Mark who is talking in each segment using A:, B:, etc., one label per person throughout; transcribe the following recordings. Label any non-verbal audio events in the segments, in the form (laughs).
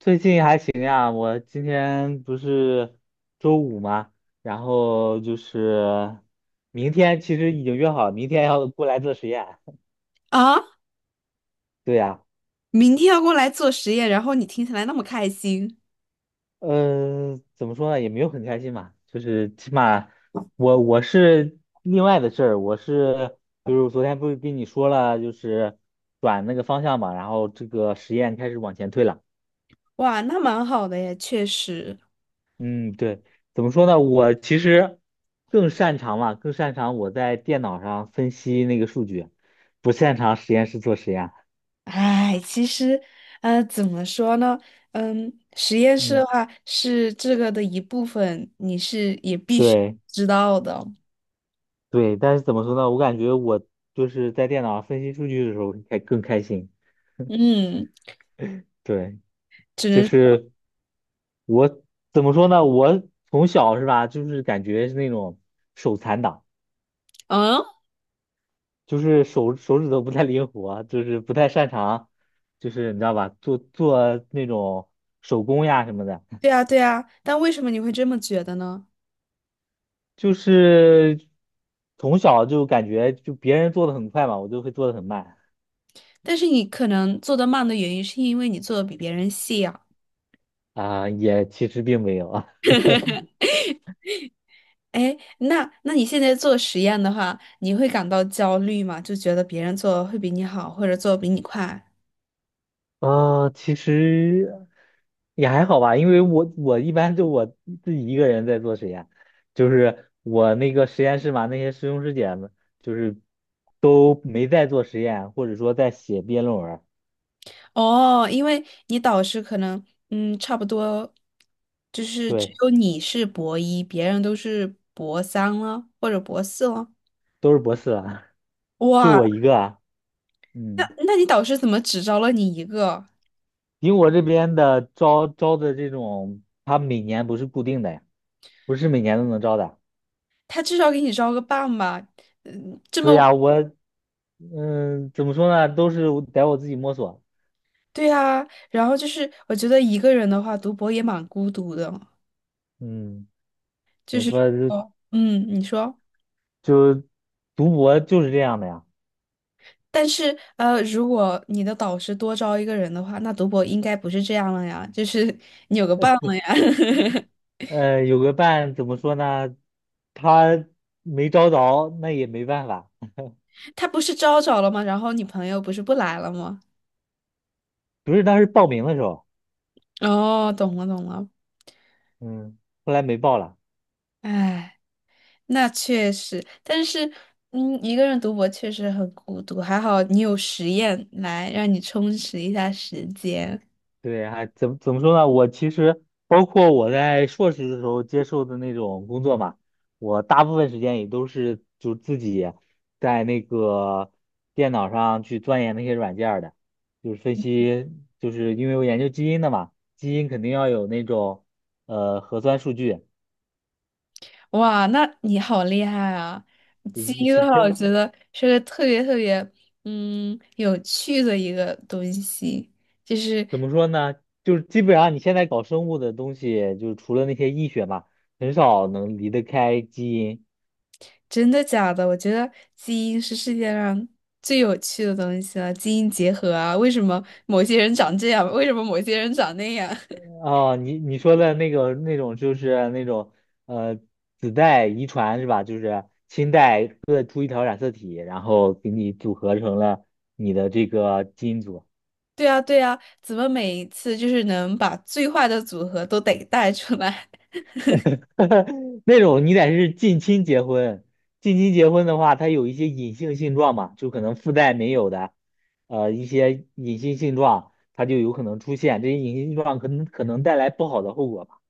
A: 最近还行呀，我今天不是周五嘛，然后就是明天其实已经约好了，明天要过来做实验。
B: 啊，
A: (laughs) 对呀，
B: 明天要过来做实验，然后你听起来那么开心。
A: 嗯，怎么说呢，也没有很开心嘛，就是起码我是另外的事儿，我是就是昨天不是跟你说了，就是转那个方向嘛，然后这个实验开始往前推了。
B: 哇，那蛮好的耶，确实。
A: 嗯，对，怎么说呢？我其实更擅长嘛，更擅长我在电脑上分析那个数据，不擅长实验室做实验。
B: 哎，其实，怎么说呢？嗯，实验室
A: 嗯，
B: 的话是这个的一部分，你是也必须
A: 对
B: 知道的。
A: 对，但是怎么说呢？我感觉我就是在电脑上分析数据的时候还更开心。
B: 嗯，
A: 对，
B: 只
A: 就
B: 能，
A: 是我怎么说呢？我从小是吧，就是感觉是那种手残党，
B: 嗯，
A: 就是手指头不太灵活，就是不太擅长，就是你知道吧，做做那种手工呀什么的。
B: 对啊，对啊。但为什么你会这么觉得呢？
A: 就是从小就感觉就别人做的很快嘛，我就会做的很慢
B: 但是你可能做得慢的原因，是因为你做的比别人细啊。
A: 啊，也其实并没有啊，
B: 哎，那你现在做实验的话，你会感到焦虑吗？就觉得别人做会比你好，或者做得比你快？
A: 其实也还好吧，因为我一般就我自己一个人在做实验，就是我那个实验室嘛，那些师兄师姐们就是都没在做实验，或者说在写毕业论文儿
B: 哦，因为你导师可能，嗯，差不多，就是只
A: 对，
B: 有你是博一，别人都是博三了，或者博四了。
A: 都是博士了，(laughs) 就
B: 哇，
A: 我一个啊，
B: 那
A: 嗯，
B: 那你导师怎么只招了你一个？
A: 因为我这边的招的这种，他每年不是固定的呀。不是每年都能招的。
B: 他至少给你招个半吧？嗯，这
A: 对呀，
B: 么，
A: 我嗯，怎么说呢，都是我得自己摸索。
B: 对啊。然后就是，我觉得一个人的话，读博也蛮孤独的。
A: 嗯，怎么说就
B: 哦，嗯，你说。
A: 就读博就是这样的呀。
B: 但是，如果你的导师多招一个人的话，那读博应该不是这样了呀，就是你有个伴了呀。(laughs)
A: 有个伴怎么说呢，他没招着，那也没办法。
B: 他不是招着了吗？然后你朋友不是不来了吗？
A: 不是当时报名的时候，
B: 哦，懂了懂了。
A: 嗯，后来没报了。
B: 哎，那确实，但是，嗯，一个人读博确实很孤独。还好你有实验来让你充实一下时间。
A: 对，还怎么说呢？我其实包括我在硕士的时候接受的那种工作嘛，我大部分时间也都是就自己在那个电脑上去钻研那些软件儿的，就是分析，就是因为我研究基因的嘛，基因肯定要有那种核酸数据，
B: 哇，那你好厉害啊！基
A: (laughs)
B: 因的
A: 其
B: 话，我觉
A: 实
B: 得是个特别特别有趣的一个东西，就是
A: 怎么说呢？就是基本上你现在搞生物的东西，就是除了那些医学嘛，很少能离得开基因。
B: 真的假的？我觉得基因是世界上最有趣的东西了，基因结合啊，为什么某些人长这样，为什么某些人长那样？
A: 哦，你说的那个那种就是那种呃子代遗传是吧？就是亲代各出一条染色体，然后给你组合成了你的这个基因组。
B: (laughs) 对啊，对啊，怎么每一次就是能把最坏的组合都得带出来？
A: (laughs) 那种你得是近亲结婚，近亲结婚的话，它有一些隐性性状嘛，就可能父代没有的，一些隐性性状，它就有可能出现，这些隐性性状可能带来不好的后果吧。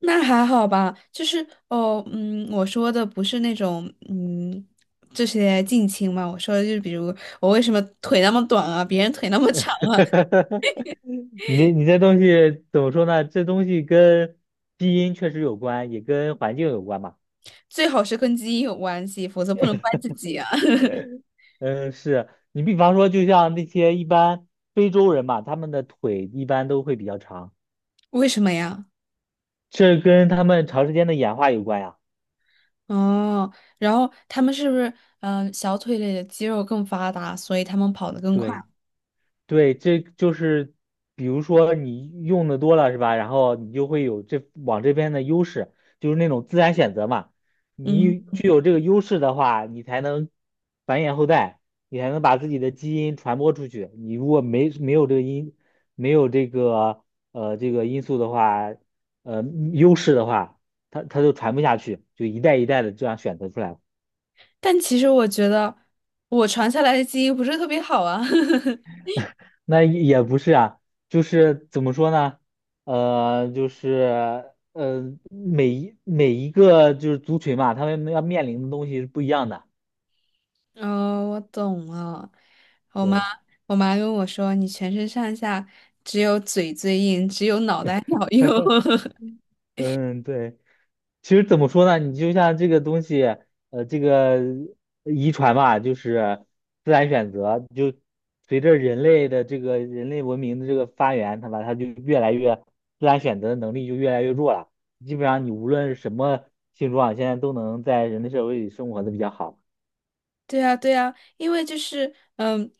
B: 那还好吧，就是哦，嗯，我说的不是那种，嗯，这些近亲嘛，我说的就是比如我为什么腿那么短啊，别人腿那么长。(laughs)
A: (laughs) 你这东西怎么说呢？这东西跟基因确实有关，也跟环境有关吧？
B: 最好是跟基因有关系，否则不能怪自己啊。(laughs)
A: 嗯，是你比方说，就像那些一般非洲人嘛，他们的腿一般都会比较长，
B: 为什么呀？
A: 这跟他们长时间的演化有关呀。
B: 哦，然后他们是不是小腿里的肌肉更发达，所以他们跑得更快？
A: 对。对，这就是比如说你用的多了是吧？然后你就会有这往这边的优势，就是那种自然选择嘛。
B: 嗯，
A: 你具有这个优势的话，你才能繁衍后代，你才能把自己的基因传播出去。你如果没有这个因，没有这个这个因素的话，呃优势的话，它就传不下去，就一代一代的这样选择出来了。
B: 但其实我觉得我传下来的基因不是特别好啊。(laughs)
A: 那也不是啊，就是怎么说呢？呃，就是呃，每一个就是族群嘛，他们要面临的东西是不一样的。
B: 哦，我懂了。我妈，
A: 对，
B: 我妈跟我说，你全身上下只有嘴最硬，只有脑袋好用。(laughs)
A: 嗯，对。其实怎么说呢？你就像这个东西，这个遗传嘛，就是自然选择，就随着人类的这个人类文明的这个发源，它吧，它就越来越自然选择的能力就越来越弱了。基本上你无论是什么性状，现在都能在人类社会里生活的比较好。
B: 对啊，对啊，因为就是嗯，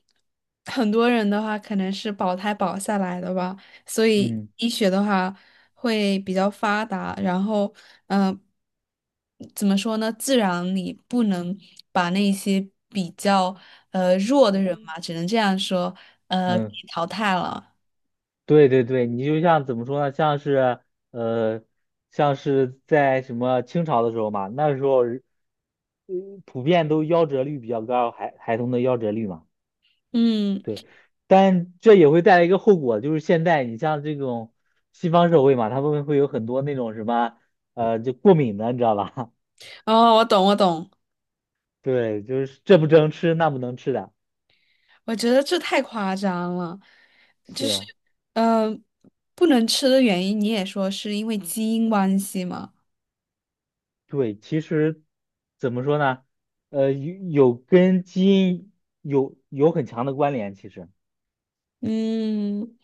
B: 很多人的话可能是保胎保下来的吧，所以
A: 嗯
B: 医学的话会比较发达。然后，嗯、怎么说呢？自然你不能把那些比较弱的人嘛，只能这样说，呃，给
A: 嗯。
B: 淘汰了。
A: 对对对，你就像怎么说呢？像是呃，像是在什么清朝的时候嘛，那时候嗯普遍都夭折率比较高，孩童的夭折率嘛，
B: 嗯。
A: 对。但这也会带来一个后果，就是现在你像这种西方社会嘛，他们会有很多那种什么就过敏的，你知道吧？
B: 哦，我懂，我懂，
A: (laughs) 对，就是这不能吃，那不能吃的，
B: 我觉得这太夸张了，
A: 是
B: 就是，
A: 啊。
B: 嗯、不能吃的原因，你也说是因为基因关系嘛？
A: 对，其实怎么说呢？有跟基因有很强的关联。其实，
B: 嗯，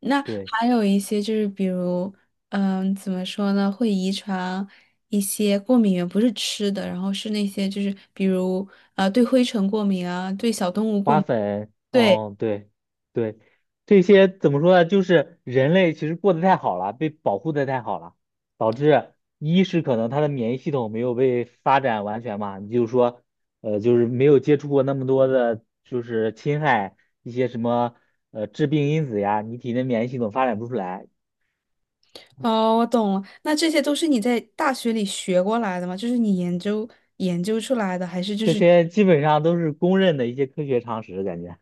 B: 那
A: 对，
B: 还有一些就是，比如，怎么说呢，会遗传一些过敏源，不是吃的，然后是那些就是，比如，对灰尘过敏啊，对小动物过
A: 花
B: 敏。
A: 粉，
B: 对，
A: 哦，对，对，这些怎么说呢？就是人类其实过得太好了，被保护的太好了，导致一是可能他的免疫系统没有被发展完全嘛，你就是说，就是没有接触过那么多的，就是侵害一些什么致病因子呀，你体内免疫系统发展不出来。
B: 哦，我懂了，那这些都是你在大学里学过来的吗？就是你研究出来的，还是就
A: 这
B: 是？
A: 些基本上都是公认的一些科学常识，感觉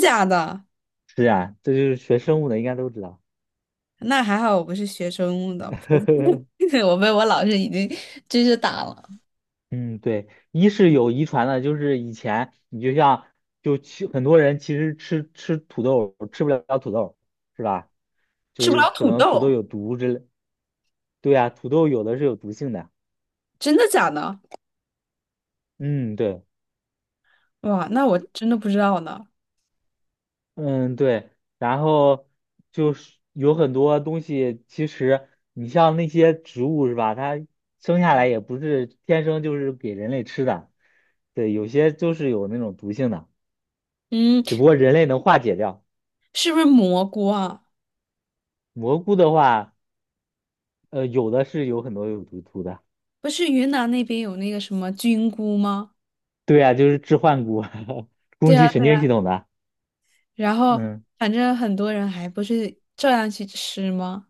B: 真假的？
A: 是啊，这就是学生物的应该都知道。
B: 那还好我不是学生物的，(laughs)
A: (laughs)
B: 我被我老师已经追是打了。
A: 嗯，对，一是有遗传的，就是以前你就像就其很多人其实吃土豆吃不了土豆，是吧？就
B: 吃不
A: 是
B: 了
A: 可
B: 土
A: 能土豆
B: 豆，
A: 有毒之类。对啊，土豆有的是有毒性的。
B: 真的假的？
A: 嗯，对。
B: 哇，那我真的不知道呢。
A: 嗯，对，然后就是有很多东西，其实你像那些植物是吧？它生下来也不是天生就是给人类吃的，对，有些就是有那种毒性的，
B: 嗯，
A: 只不过人类能化解掉。
B: 是不是蘑菇啊？
A: 蘑菇的话，有的是有很多有毒的，
B: 不是云南那边有那个什么菌菇吗？
A: 对啊，就是致幻菇，(laughs)
B: 对
A: 攻击
B: 呀
A: 神
B: 对呀，
A: 经系统的，
B: 然后
A: 嗯。
B: 反正很多人还不是照样去吃吗？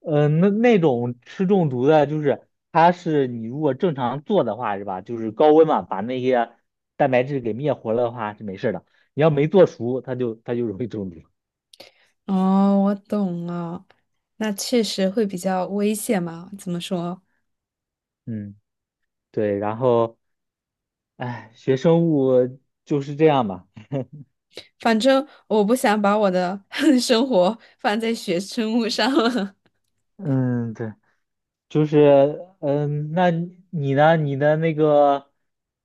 A: 嗯，那那种吃中毒的，就是它是你如果正常做的话，是吧？就是高温嘛，把那些蛋白质给灭活了的话是没事儿的。你要没做熟，它就容易中毒。
B: 哦，我懂了，那确实会比较危险嘛？怎么说？
A: 嗯，对。然后，哎，学生物就是这样吧。
B: 反正我不想把我的 (laughs) 生活放在学生物上了。
A: 嗯，对，就是嗯，那你呢？你的那个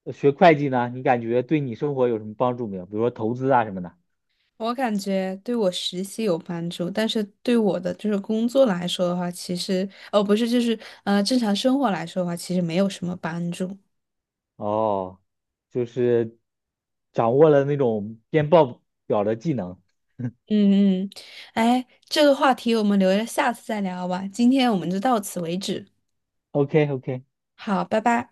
A: 学会计呢？你感觉对你生活有什么帮助没有？比如说投资啊什么的。
B: (laughs) 我感觉对我实习有帮助，但是对我的就是工作来说的话，其实哦不是，就是正常生活来说的话，其实没有什么帮助。
A: 哦，就是掌握了那种编报表的技能。
B: 嗯嗯，哎，这个话题我们留着下次再聊吧，今天我们就到此为止。
A: OK OK，
B: 好，拜拜。